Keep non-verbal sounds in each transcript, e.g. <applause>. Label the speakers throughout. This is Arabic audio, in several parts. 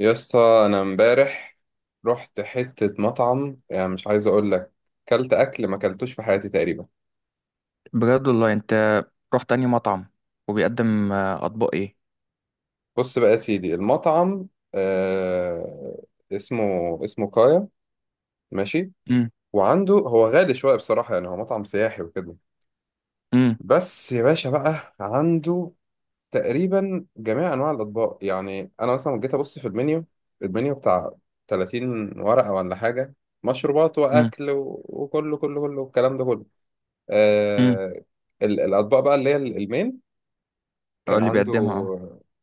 Speaker 1: يا اسطى، انا امبارح رحت حتة مطعم، يعني مش عايز اقول لك، كلت اكل ما كلتوش في حياتي تقريبا.
Speaker 2: بجد والله انت، رحت انهي مطعم وبيقدم اطباق ايه؟
Speaker 1: بص بقى يا سيدي، المطعم آه اسمه كايا، ماشي.
Speaker 2: امم.
Speaker 1: وعنده، هو غالي شوية بصراحة، يعني هو مطعم سياحي وكده.
Speaker 2: امم.
Speaker 1: بس يا باشا بقى عنده تقريبا جميع انواع الاطباق. يعني انا مثلا جيت ابص في المنيو، بتاع 30 ورقة ولا حاجة، مشروبات واكل وكله كله كله الكلام ده كله.
Speaker 2: امم.
Speaker 1: آه الاطباق بقى اللي هي المين، كان
Speaker 2: قال لي
Speaker 1: عنده.
Speaker 2: بيقدمها اه.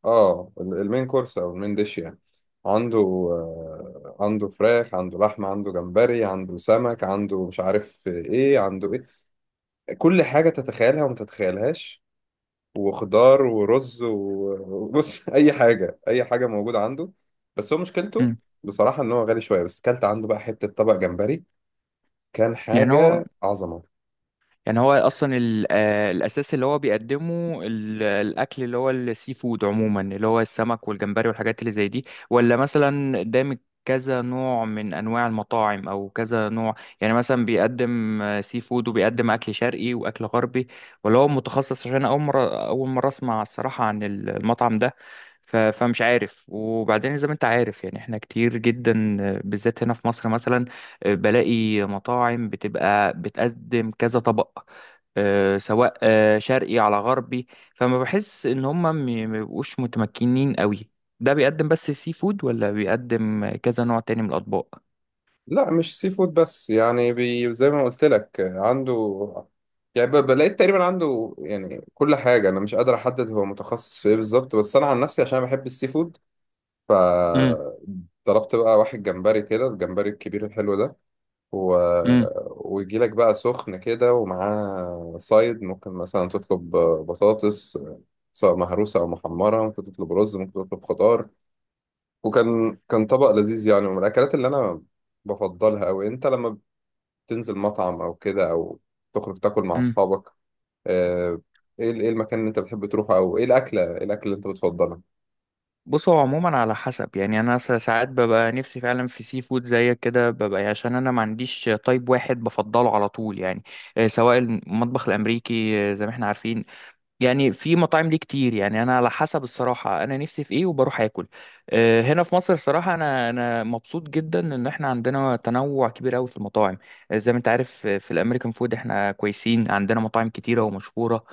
Speaker 1: المين كورس او المين ديش يعني. عنده عنده فراخ، عنده لحمه، عنده جمبري، عنده سمك، عنده مش عارف ايه عنده ايه. كل حاجه تتخيلها وما تتخيلهاش، وخضار ورز وبص، <laughs> اي حاجه، اي حاجه موجوده عنده. بس هو مشكلته
Speaker 2: امم.
Speaker 1: بصراحه ان هو غالي شويه. بس كلت عنده بقى حته طبق جمبري، كان
Speaker 2: يعني هو
Speaker 1: حاجه عظمه.
Speaker 2: يعني هو اصلا الاساس اللي هو بيقدمه الاكل اللي هو السي فود عموما، اللي هو السمك والجمبري والحاجات اللي زي دي، ولا مثلا قدامك كذا نوع من انواع المطاعم او كذا نوع؟ يعني مثلا بيقدم سي فود وبيقدم اكل شرقي واكل غربي، ولا هو متخصص؟ عشان اول مره اسمع الصراحه عن المطعم ده. فمش عارف. وبعدين زي ما انت عارف، يعني احنا كتير جدا بالذات هنا في مصر مثلا بلاقي مطاعم بتبقى بتقدم كذا طبق، سواء شرقي على غربي. فما بحس ان هم ما بيبقوش متمكنين قوي. ده بيقدم بس سي فود ولا بيقدم كذا نوع تاني من الاطباق؟
Speaker 1: لا مش سي فود بس، يعني بي زي ما قلت لك عنده، يعني بلاقيت تقريبا عنده يعني كل حاجة. أنا مش قادر أحدد هو متخصص في إيه بالظبط، بس أنا عن نفسي عشان بحب السي فود،
Speaker 2: امم.
Speaker 1: فضربت بقى واحد جمبري كده، الجمبري الكبير الحلو ده و...
Speaker 2: امم.
Speaker 1: ويجي لك بقى سخن كده، ومعاه سايد، ممكن مثلا تطلب بطاطس، سواء مهروسة أو محمرة، ممكن تطلب رز، ممكن تطلب خضار. وكان كان طبق لذيذ يعني، ومن الأكلات اللي أنا بفضلها أوي. أنت لما تنزل مطعم او كده، او تخرج تاكل مع
Speaker 2: امم.
Speaker 1: اصحابك، آه، ايه ايه المكان اللي انت بتحب تروحه، او ايه الاكله، اللي انت بتفضلها؟
Speaker 2: بص، هو عموما على حسب. يعني انا ساعات ببقى نفسي فعلا في سي فود زيك كده. ببقى عشان انا ما عنديش تايب واحد بفضله على طول، يعني سواء المطبخ الامريكي زي ما احنا عارفين. يعني في مطاعم ليه كتير. يعني انا على حسب الصراحه انا نفسي في ايه وبروح اكل. هنا في مصر صراحه انا مبسوط جدا ان احنا عندنا تنوع كبير قوي في المطاعم. زي ما انت عارف في الامريكان فود احنا كويسين، عندنا مطاعم كتيره ومشهوره.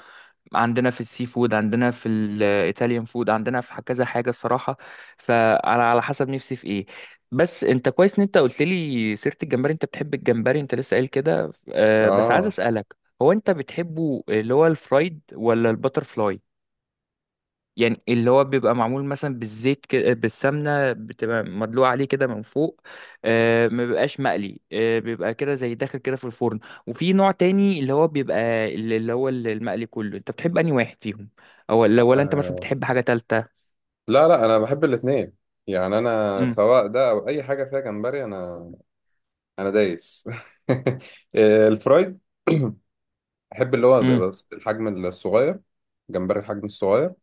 Speaker 2: عندنا في السي فود، عندنا في الايطاليان فود، عندنا في كذا حاجه الصراحه. فانا على حسب نفسي في ايه. بس انت كويس ان انت قلت لي سيره الجمبري. انت بتحب الجمبري، انت لسه قايل كده، بس عايز
Speaker 1: آه.
Speaker 2: اسالك، هو انت بتحبه اللي هو الفرايد ولا الباتر فلاي؟ يعني اللي هو بيبقى معمول مثلا بالزيت كده، بالسمنه بتبقى مدلوقه عليه كده من فوق. ما بيبقاش مقلي، بيبقى كده زي داخل كده في الفرن. وفي نوع تاني اللي هو بيبقى اللي هو المقلي. كله، انت بتحب انهي واحد فيهم؟ او ولا انت مثلا
Speaker 1: اه
Speaker 2: بتحب حاجه تالته؟
Speaker 1: لا، لا، انا بحب الاثنين، يعني انا
Speaker 2: امم.
Speaker 1: سواء ده او اي حاجه فيها جمبري، انا دايس. <laughs> الفرايد، احب اللي هو
Speaker 2: امم.
Speaker 1: بيبقى الحجم الصغير، جمبري الحجم الصغير.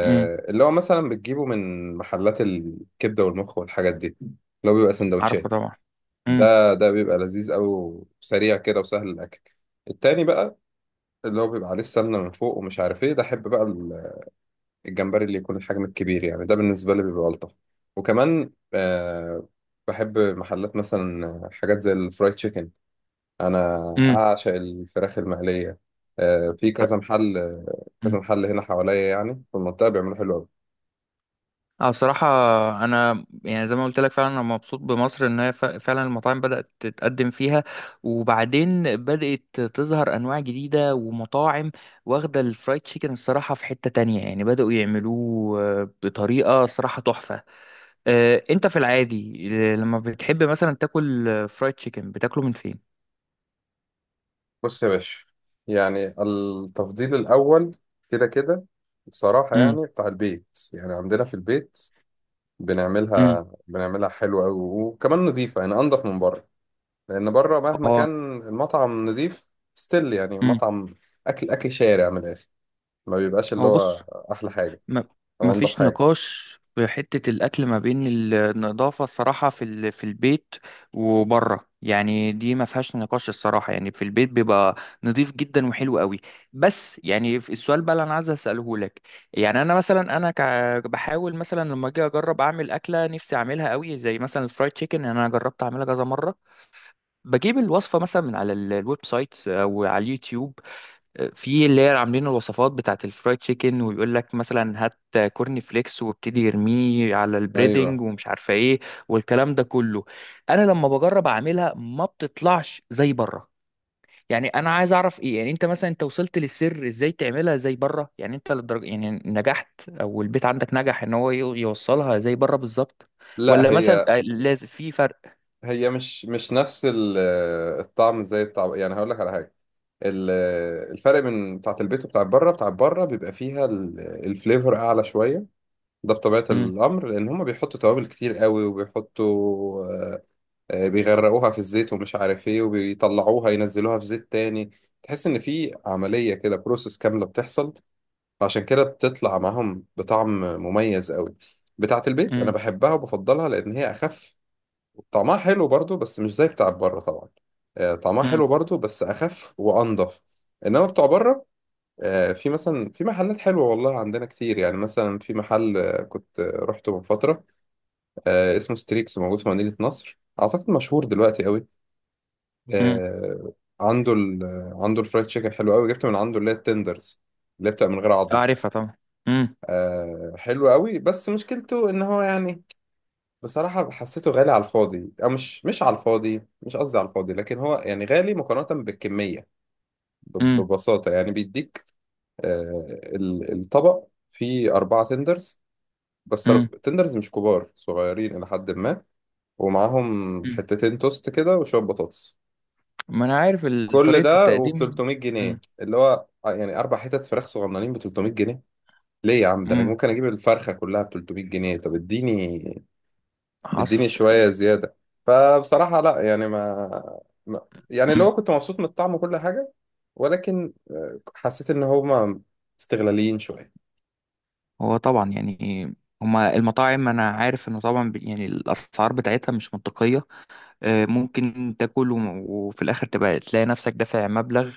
Speaker 2: امم.
Speaker 1: اللي هو مثلا بتجيبه من محلات الكبده والمخ والحاجات دي، اللي هو بيبقى
Speaker 2: عارفه
Speaker 1: سندوتشات.
Speaker 2: طبعا. امم.
Speaker 1: ده بيبقى لذيذ قوي، وسريع كده، وسهل الاكل. التاني بقى، اللي هو بيبقى عليه السمنه من فوق ومش عارف ايه، ده احب بقى الجمبري اللي يكون الحجم الكبير. يعني ده بالنسبه لي بيبقى الطف. وكمان بحب محلات مثلا، حاجات زي الفرايد تشيكن. انا اعشق الفراخ المقليه. في كذا محل، كذا
Speaker 2: امم.
Speaker 1: محل هنا حواليا، يعني في المنطقه بيعملوا حلو قوي.
Speaker 2: اه صراحة، أنا يعني زي ما قلت لك فعلا أنا مبسوط بمصر إن هي فعلا المطاعم بدأت تتقدم فيها. وبعدين بدأت تظهر أنواع جديدة ومطاعم واخدة. الفرايد تشيكن الصراحة في حتة تانية يعني بدأوا يعملوه بطريقة صراحة تحفة. أنت في العادي لما بتحب مثلا تاكل فرايد تشيكن، بتاكله من فين؟
Speaker 1: بص يا باشا، يعني التفضيل الأول كده كده بصراحة
Speaker 2: امم.
Speaker 1: يعني بتاع البيت. يعني عندنا في البيت،
Speaker 2: امم.
Speaker 1: بنعملها حلوة أوي، وكمان نضيفة، يعني أنضف من بره. لأن بره مهما
Speaker 2: اه.
Speaker 1: كان المطعم نضيف ستيل، يعني
Speaker 2: امم.
Speaker 1: مطعم، أكل شارع من الآخر، ما بيبقاش اللي
Speaker 2: هو
Speaker 1: هو
Speaker 2: بص،
Speaker 1: أحلى حاجة
Speaker 2: ما ما
Speaker 1: أو أنضف
Speaker 2: فيش
Speaker 1: حاجة.
Speaker 2: نقاش في حتة الأكل ما بين النظافة الصراحة في البيت وبره، يعني دي ما فيهاش نقاش الصراحة. يعني في البيت بيبقى نظيف جدا وحلو قوي. بس يعني في السؤال بقى اللي أنا عايز أسأله لك. يعني أنا مثلا بحاول مثلا لما أجي أجرب أعمل أكلة نفسي أعملها قوي زي مثلا الفرايد تشيكن، أنا جربت أعملها كذا مرة. بجيب الوصفة مثلا من على الويب سايت أو على اليوتيوب في اللي هي عاملين الوصفات بتاعه الفرايد تشيكن، ويقول لك مثلا هات كورن فليكس وابتدي يرميه على البريدنج
Speaker 1: أيوه.
Speaker 2: ومش عارفه ايه والكلام ده كله. انا لما بجرب اعملها ما بتطلعش زي بره. يعني انا عايز اعرف ايه، يعني انت مثلا انت وصلت للسر ازاي تعملها زي بره؟ يعني انت للدرجه يعني نجحت او البيت عندك نجح ان هو يوصلها زي بره بالظبط،
Speaker 1: لا،
Speaker 2: ولا مثلا
Speaker 1: هي
Speaker 2: لازم في فرق؟
Speaker 1: هي مش نفس الطعم زي بتاع، يعني هقول لك على حاجة. ال- الفرق من بتاعت البيت وبتاعت بره، بتاعت بره بيبقى فيها الفليفر اعلى شويه. ده بطبيعه
Speaker 2: امم.
Speaker 1: الامر، لان هما بيحطوا توابل كتير قوي، وبيحطوا بيغرقوها في الزيت ومش عارف ايه، وبيطلعوها ينزلوها في زيت تاني. تحس ان في عمليه كده، بروسس كامله بتحصل. عشان كده بتطلع معاهم بطعم مميز قوي. بتاعت البيت انا
Speaker 2: امم.
Speaker 1: بحبها وبفضلها لان هي اخف. طعمها حلو برضو، بس مش زي بتاع بره طبعا. طعمها
Speaker 2: امم.
Speaker 1: حلو برضو بس اخف وانضف. انما بتوع بره، في مثلا في محلات حلوه والله عندنا كتير. يعني مثلا في محل كنت رحته من فتره، اسمه ستريكس، موجود في مدينه نصر، اعتقد مشهور دلوقتي قوي.
Speaker 2: امم.
Speaker 1: آه، عنده ال آه، عنده الفرايد تشيكن حلو قوي. جبت من عنده اللي هي التندرز، اللي هي بتبقى من غير عظم.
Speaker 2: اعرفها طبعا. امم.
Speaker 1: حلو قوي، بس مشكلته ان هو يعني بصراحة حسيته غالي على الفاضي. أو مش على الفاضي، مش قصدي على الفاضي، لكن هو يعني غالي مقارنة بالكمية.
Speaker 2: امم.
Speaker 1: ببساطة يعني، بيديك آه، الطبق فيه أربعة تندرز، بس
Speaker 2: إمم.
Speaker 1: تندرز مش كبار، صغيرين إلى حد ما، ومعاهم
Speaker 2: إمم.
Speaker 1: حتتين توست كده، وشوية بطاطس.
Speaker 2: ما انا عارف
Speaker 1: كل
Speaker 2: طريقة
Speaker 1: ده وب
Speaker 2: التقديم.
Speaker 1: 300 جنيه،
Speaker 2: مم.
Speaker 1: اللي هو يعني أربع حتت فراخ صغننين ب 300 جنيه. ليه يا عم! ده أنا
Speaker 2: مم.
Speaker 1: ممكن أجيب الفرخة كلها ب 300 جنيه. طب اديني،
Speaker 2: حصل.
Speaker 1: اديني شوية زيادة. فبصراحة لا، يعني يعني اللي
Speaker 2: مم.
Speaker 1: هو كنت مبسوط من الطعم وكل حاجة. ولكن حسيت إن هما استغلاليين شوية.
Speaker 2: هو طبعا يعني هما المطاعم، انا عارف انه طبعا يعني الاسعار بتاعتها مش منطقية. ممكن تاكل وفي الاخر تبقى تلاقي نفسك دافع مبلغ.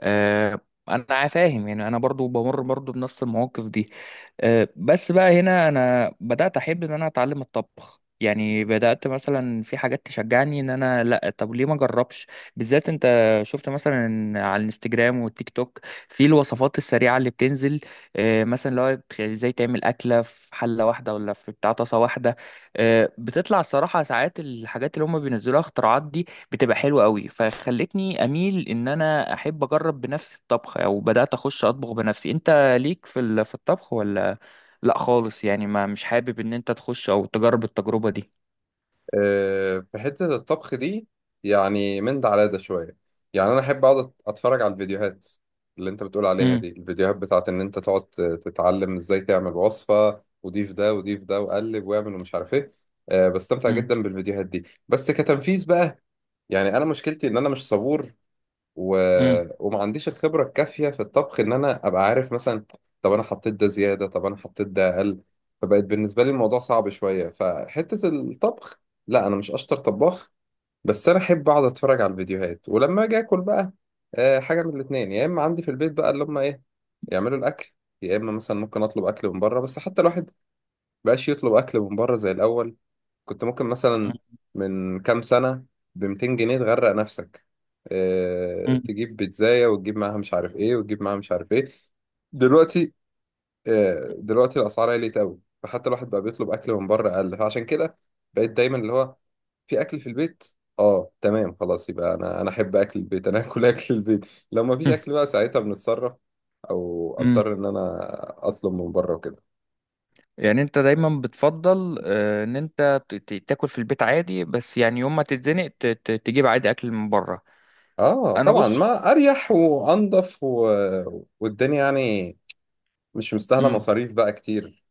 Speaker 2: آه، انا فاهم. يعني انا برضو بمر برضو بنفس المواقف دي. بس بقى هنا انا بدات احب ان انا اتعلم الطبخ. يعني بدات مثلا في حاجات تشجعني ان انا لا، طب ليه ما اجربش؟ بالذات انت شفت مثلا على الانستجرام والتيك توك في الوصفات السريعه اللي بتنزل. مثلا لو ازاي تعمل اكله في حله واحده ولا في بتاع طاسه واحده. بتطلع الصراحه ساعات الحاجات اللي هم بينزلوها اختراعات دي بتبقى حلوة قوي. فخلتني اميل ان انا احب اجرب بنفسي الطبخ او بدأت اخش اطبخ بنفسي. انت ليك في في الطبخ ولا لا خالص؟ يعني ما مش حابب ان انت تخش او تجرب التجربة دي؟
Speaker 1: في حتة الطبخ دي، يعني من ده على ده شوية. يعني أنا أحب أقعد أتفرج على الفيديوهات، اللي أنت بتقول عليها
Speaker 2: امم.
Speaker 1: دي، الفيديوهات بتاعت إن أنت تقعد تتعلم إزاي تعمل وصفة، وضيف ده وضيف ده وقلب واعمل ومش عارف إيه. بستمتع
Speaker 2: امم.
Speaker 1: جدا بالفيديوهات دي، بس كتنفيذ بقى يعني أنا مشكلتي إن أنا مش صبور و...
Speaker 2: امم.
Speaker 1: وما عنديش الخبرة الكافية في الطبخ، إن أنا أبقى عارف مثلا، طب أنا حطيت ده زيادة، طب أنا حطيت ده أقل. فبقت بالنسبة لي الموضوع صعب شوية. فحتة الطبخ، لا أنا مش أشطر طباخ، بس أنا أحب أقعد أتفرج على الفيديوهات. ولما أجي آكل بقى، حاجة من الاتنين: يا إما عندي في البيت بقى اللي هم إيه يعملوا الأكل، يا إما مثلا ممكن أطلب أكل من بره. بس حتى الواحد مبقاش يطلب أكل من بره زي الأول. كنت ممكن مثلا من كام سنة ب 200 جنيه تغرق نفسك، اه تجيب بيتزاية وتجيب معاها مش عارف ايه، وتجيب معاها مش عارف ايه. دلوقتي، اه دلوقتي الأسعار عليت أوي، فحتى الواحد بقى بيطلب أكل من بره أقل. فعشان كده بقيت دايما اللي هو في أكل في البيت. اه، تمام، خلاص. يبقى أنا أحب أكل البيت، أنا آكل <laughs> أكل البيت. لو مفيش أكل بقى ساعتها بنتصرف، أو
Speaker 2: امم.
Speaker 1: أضطر إن أنا أطلب من بره وكده.
Speaker 2: يعني انت دايما بتفضل ان انت تاكل في البيت عادي، بس يعني يوم ما تتزنق تجيب عادي اكل من بره؟
Speaker 1: اه
Speaker 2: انا
Speaker 1: طبعا،
Speaker 2: بص.
Speaker 1: ما اريح وانضف والدنيا يعني مش مستاهله مصاريف بقى كتير.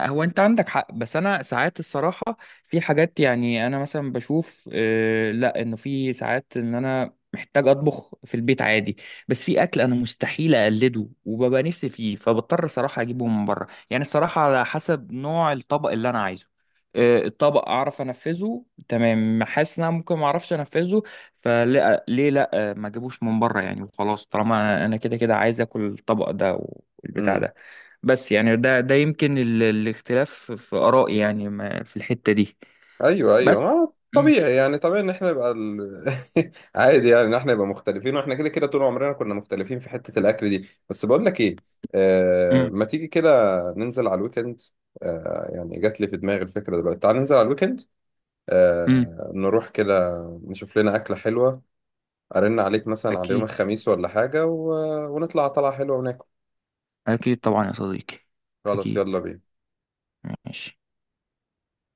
Speaker 2: هو انت عندك حق، بس انا ساعات الصراحه في حاجات. يعني انا مثلا بشوف لا، انه في ساعات ان انا محتاج اطبخ في البيت عادي. بس في اكل انا مستحيل اقلده وببقى نفسي فيه، فبضطر صراحه اجيبه من بره. يعني الصراحه على حسب نوع الطبق اللي انا عايزه، الطبق اعرف انفذه تمام، حاسس ان انا ممكن ما اعرفش انفذه. فلا، ليه لا؟ ما اجيبوش من بره يعني وخلاص طالما انا أنا كده كده عايز اكل الطبق ده والبتاع
Speaker 1: امم.
Speaker 2: ده. بس يعني ده يمكن الاختلاف في آرائي، يعني في الحتة دي.
Speaker 1: ايوه، ايوه،
Speaker 2: بس.
Speaker 1: ما
Speaker 2: مم.
Speaker 1: طبيعي يعني، طبيعي ان احنا نبقى <laughs> عادي، يعني ان احنا نبقى مختلفين، واحنا كده كده طول عمرنا كنا مختلفين في حته الاكل دي. بس بقول لك ايه،
Speaker 2: مم.
Speaker 1: ما تيجي كده، ننزل على الويكند. يعني جات لي في دماغي الفكره دلوقتي، تعال ننزل على الويكند،
Speaker 2: مم.
Speaker 1: نروح كده، نشوف لنا اكله حلوه. ارن عليك مثلا على يوم
Speaker 2: أكيد.
Speaker 1: الخميس ولا حاجه، ونطلع طلعه حلوه وناكل.
Speaker 2: أكيد طبعا يا صديقي.
Speaker 1: خلاص،
Speaker 2: أكيد.
Speaker 1: يلا بينا.
Speaker 2: ماشي.